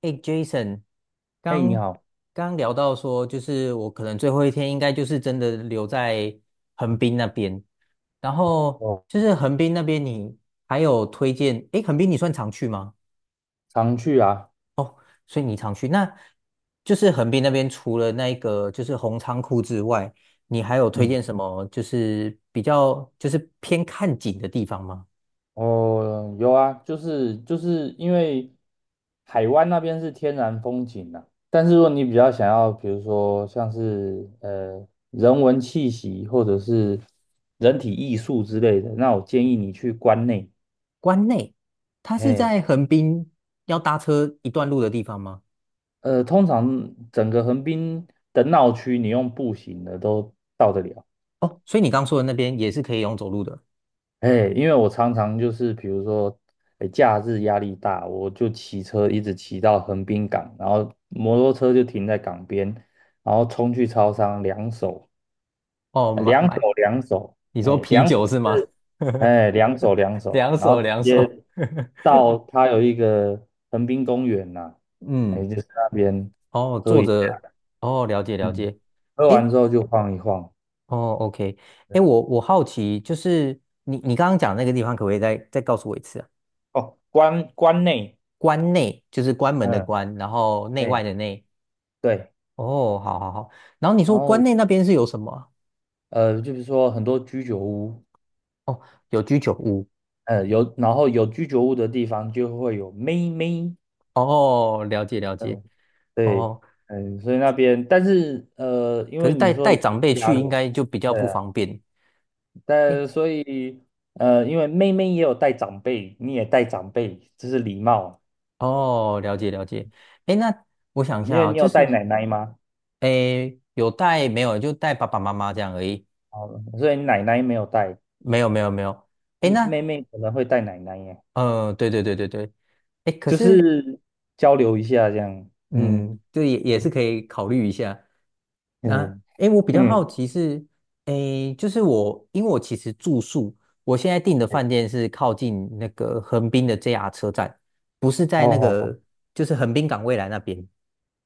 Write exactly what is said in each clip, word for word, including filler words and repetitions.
哎，Jason，嘿，你刚好。刚聊到说，就是我可能最后一天应该就是真的留在横滨那边，然后哦，就是横滨那边你还有推荐，哎，横滨你算常去吗？常去啊。所以你常去，那就是横滨那边除了那个就是红仓库之外，你还有推嗯。荐什么就是比较就是偏看景的地方吗？哦，有啊，就是就是因为海湾那边是天然风景啊，但是如果你比较想要，比如说像是呃人文气息或者是人体艺术之类的，那我建议你去关内。关内，它是嘿。在横滨要搭车一段路的地方吗？呃，通常整个横滨的闹区，你用步行的都到得了。哦，所以你刚说的那边也是可以用走路的。哎，因为我常常就是比如说，哎，假日压力大，我就骑车一直骑到横滨港，然后摩托车就停在港边，然后冲去超商，两手哦，呃买两手买，两手。你说哎，啤两酒手是吗？是， 哎，两手两手，两然后手直两手，接到它有一个横滨公园呐、哎，嗯，就是那边，哦，坐着，哦，了解了嗯，解，喝诶，完之后就晃一晃。哦，OK，对。诶，我我好奇，就是你你刚刚讲那个地方，可不可以再再告诉我一次啊？哦，关关内，关内就是关门的嗯，关，然后内哎，外的内，对。哦，好好好，然后你然说关后内那边是有什么啊呃，就是说很多居酒屋。哦，有居酒屋，呃，有，然后有居酒屋的地方就会有妹妹。哦，了解了解，嗯。对。哦，嗯，所以那边，但是呃，因可为是你带说带有长辈家去人。应该就比较对不啊，方便。诶但所以呃，因为妹妹也有带长辈，你也带长辈，这是礼貌。哦，了解了解。哎，那我想一因下为哦，你就有带是奶奶吗？哎，诶有带没有？就带爸爸妈妈这样而已。哦，所以你奶奶没有带。没有没有没有。哎，嗯，妹那妹可能会带奶奶耶，呃，对对对对对。哎，可就是是交流一下这样。嗯嗯，这也也是可以考虑一下。那嗯哎，诶我比较嗯。好奇是，哎，就是我因为我其实住宿，我现在订的饭店是靠近那个横滨的 J R 车站，不是在好那好好。个就是横滨港未来那边。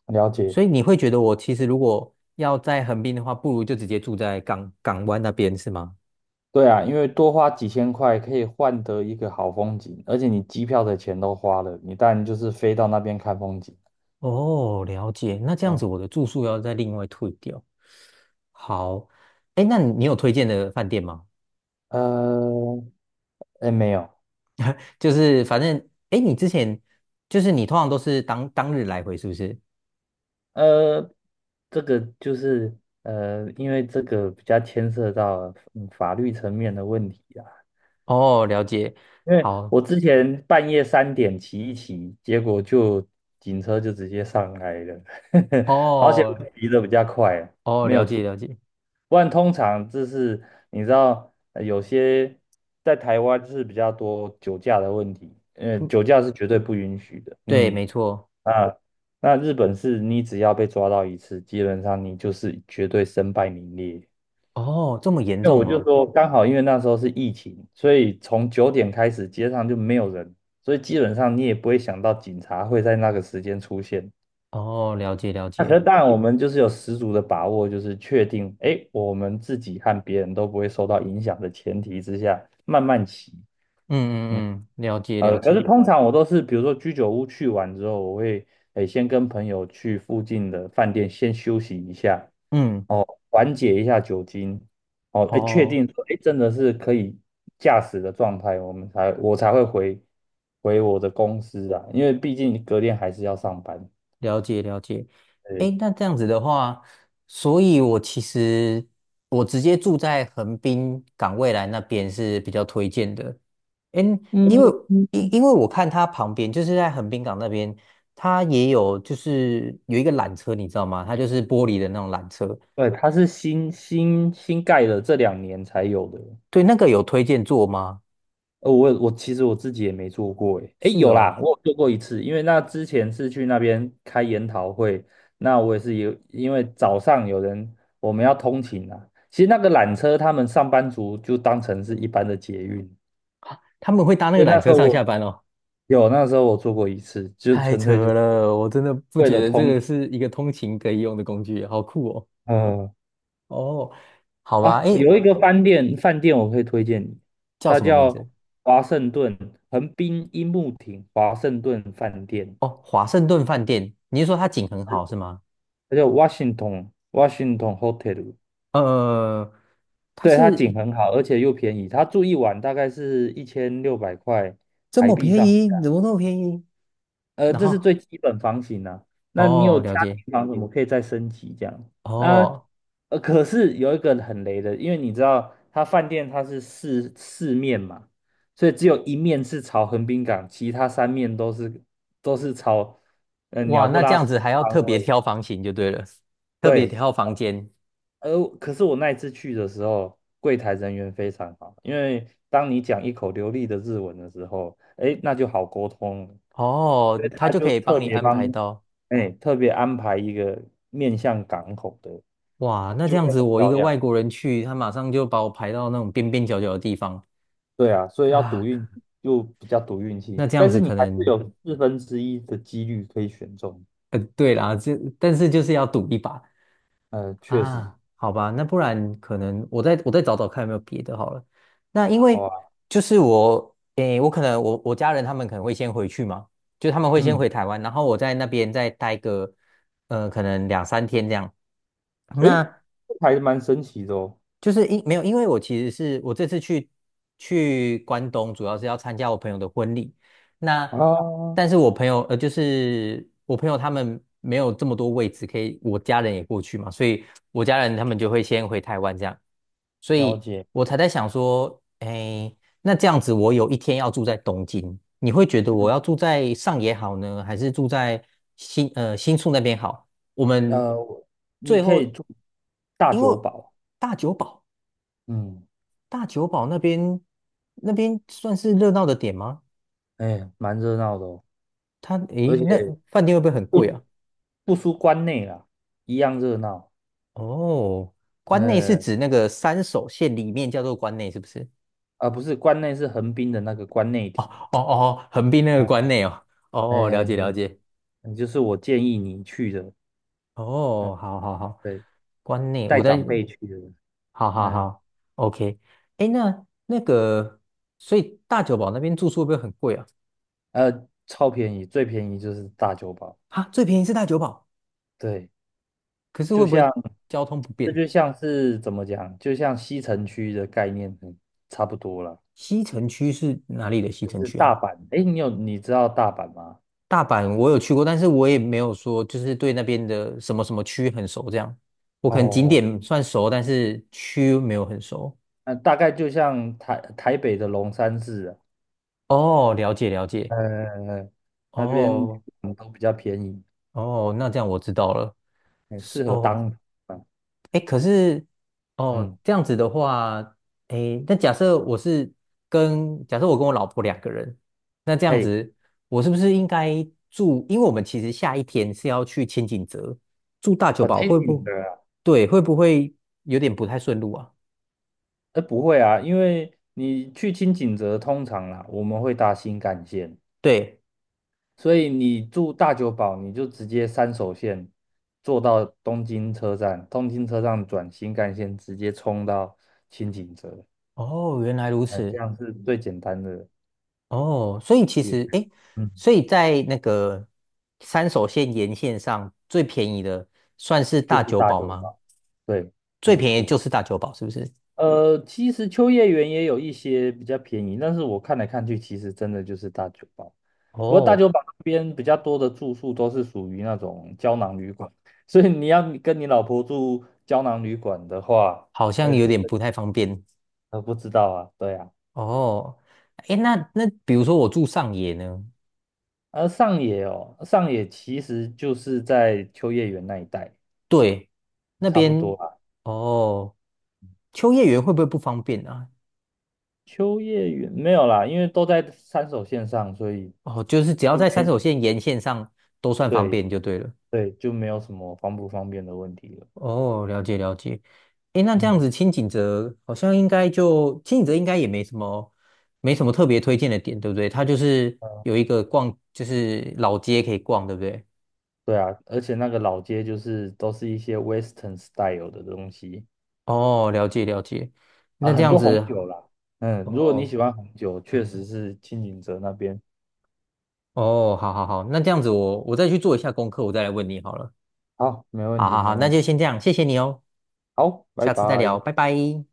了解。所以你会觉得我其实如果要在横滨的话，不如就直接住在港港湾那边，是吗？对啊，因为多花几千块可以换得一个好风景，而且你机票的钱都花了，你当然就是飞到那边看风景。哦，了解。那这样子嗯。我的住宿要再另外退掉。好，哎，那你有推荐的饭店吗？呃，哎，没有。就是反正，哎，你之前就是你通常都是当当日来回，是不是？呃，这个就是呃，因为这个比较牵涉到嗯法律层面的问题啊。哦，了解。因为好，我之前半夜三点骑一骑，结果就警车就直接上来了。好险我哦骑的比较快啊。哦，没了有出。解了解。不然通常就是你知道，呃有些在台湾是比较多酒驾的问题。呃，嗯，酒驾是绝对不允许的。对，嗯没错。啊，那日本是你只要被抓到一次，基本上你就是绝对身败名裂。哦，这么严因为我重就哦。说刚好，因为那时候是疫情，所以从九点开始街上就没有人，所以基本上你也不会想到警察会在那个时间出现。哦，了解了那可解。是当然，我们就是有十足的把握，就是确定，哎，我们自己和别人都不会受到影响的前提之下，慢慢骑。嗯。嗯嗯嗯，了解呃，了可是解。通常我都是，比如说居酒屋去完之后，我会诶先跟朋友去附近的饭店先休息一下。嗯。哦，缓解一下酒精。哦，诶，确哦，定说诶真的是可以驾驶的状态，我们才我才会回回我的公司啊，因为毕竟隔天还是要上班。了解了解。对。诶，那这样子的话，所以我其实我直接住在横滨港未来那边是比较推荐的。诶，因为嗯，因因为我看它旁边就是在横滨港那边，它也有就是有一个缆车，你知道吗？它就是玻璃的那种缆车。对，它是新新新盖的，这两年才有的。对，那个有推荐坐吗？呃，我我其实我自己也没做过诶。诶，是有哦，啦，我有做过一次，因为那之前是去那边开研讨会，那我也是有，因为早上有人我们要通勤啊，其实那个缆车他们上班族就当成是一般的捷运，他们会搭那所个以那缆时车候上下我班哦。有，那时候我做过一次，就太纯扯粹就了，我真的不为觉了得这通个勤。是一个通勤可以用的工具，好酷哦。嗯、哦，好吧，啊，诶，有一个饭店饭店我可以推荐你，叫它什么名叫字？华盛顿横滨樱木町华盛顿饭店。哦，华盛顿饭店。你是说它景很好是吗？它叫 Washington Washington Hotel。呃，它对，它景是很好，而且又便宜。它住一晚大概是一千六百块这台么币便上宜，下。怎么那么便宜？呃，然这是后，最基本房型呢。那你有哦，家了解。庭房，我们可以再升级这样。那哦，呃，可是有一个很雷的，因为你知道它饭店它是四四面嘛，所以只有一面是朝横滨港，其他三面都是都是朝呃哇，鸟不那这拉屎样的子还要方特别位。挑房型就对了，特别对。挑房间。呃，可是我那一次去的时候，柜台人员非常好，因为当你讲一口流利的日文的时候，哎，那就好沟通了。所以哦，他他就可就以特帮你别安排帮，到。哎，特别安排一个面向港口的，哇，那这就样会子很我一漂个亮。外国人去，他马上就把我排到那种边边角角的地方对啊，所以要赌啊。运，就比较赌运气，那这样但是子你可还是能，有四分之一的几率可以选中。呃，对啦，就但是就是要赌一把。呃，确实。啊，好吧，那不然可能我再我再找找看有没有别的好了。那因好为啊。就是我，诶，我可能我我家人他们可能会先回去嘛，就他们会先嗯。回台湾，然后我在那边再待个，呃，可能两三天这样。诶，那这还蛮神奇的哦。就是因没有，因为我其实是我这次去去关东，主要是要参加我朋友的婚礼。那啊，但是我朋友呃，就是我朋友他们没有这么多位置可以，我家人也过去嘛，所以我家人他们就会先回台湾这样，所了以解。我才在想说，哎，那这样子我有一天要住在东京，你会觉得我嗯，要住在上野好呢，还是住在新呃新宿那边好？我们那你最可以后住大因为久堡。大久保。嗯，大久保那边那边算是热闹的点吗？哎，蛮热闹的哦，它诶，而且那饭店会不会很贵不啊？不输关内啦，一样热闹。哦，关内是呃，指那个三手线里面叫做关内，是不是？啊，不是关内是横滨的那个关内町哦哦哦，横滨那个啊。关内哦。哦，了解了哎，解。哎，就是我建议你去的。呃，哦，好好好，对，关内带我在，长辈去的。好好嗯。好，OK。诶，那那个，所以大久保那边住宿会不会很贵啊？呃，超便宜，最便宜就是大久堡。啊，最便宜是大久保，对，可是就会不像会交通不这便？就像是怎么讲，就像西城区的概念，很差不多啦。西城区是哪里的西就城是区大啊？阪。诶，你有你知道大阪吗？大阪我有去过，但是我也没有说就是对那边的什么什么区很熟这样。我可能景哦，点算熟，但是区没有很熟。那大概就像台台北的龙山寺啊。哦，了解了解。呃，那边哦嗯都比较便宜，哦，那这样我知道了。很是适合哦，当啊。哎，可是哦，嗯。这样子的话，哎，那假设我是跟假设我跟我老婆两个人，那这样嘿，子，我是不是应该住？因为我们其实下一天是要去千景泽住大久好保，听会你不的啊。对？会不会有点不太顺路啊？呃，不会啊，因为你去清景泽通常啦，我们会搭新干线，对，所以你住大久保，你就直接三手线坐到东京车站，东京车站转新干线，直接冲到清景泽。哦，原来如哎，这此，样是最简单的哦，所以其路线。实哎，嗯，所以在那个山手线沿线上最便宜的算是就大是久大保酒吗？吧。对，最没便宜错。就是大久保，是不是？呃，其实秋叶原也有一些比较便宜，但是我看来看去，其实真的就是大酒吧。不过大哦，酒吧那边比较多的住宿都是属于那种胶囊旅馆，所以你要跟你老婆住胶囊旅馆的话。好像呃，有这点不太方便呃不知道啊，对啊。哦。诶，那那比如说我住上野呢，而上野哦，上野其实就是在秋叶原那一带，对，那差不多边啊。哦，秋叶原会不会不方便啊？秋叶原没有啦，因为都在三手线上，所以哦，就是只要就在山没，手线沿线上都算方对便就对了。对，就没有什么方不方便的问题了。哦，了解了解。诶，那这样嗯。子清景泽好像应该就清景泽应该也没什么没什么特别推荐的点，对不对？它就是呃有一个逛，就是老街可以逛，对不对？对啊，而且那个老街就是都是一些 Western style 的东西哦，了解了解。啊，那这很样多红子。酒啦。嗯，如果你喜哦，欢红酒，确实是青井泽那边。哦，好好好，那这样子我我再去做一下功课，我再来问你好了。好，没问好题，好没好，那问题。就先这样，谢谢你哦，好，拜下次再聊，拜。拜拜。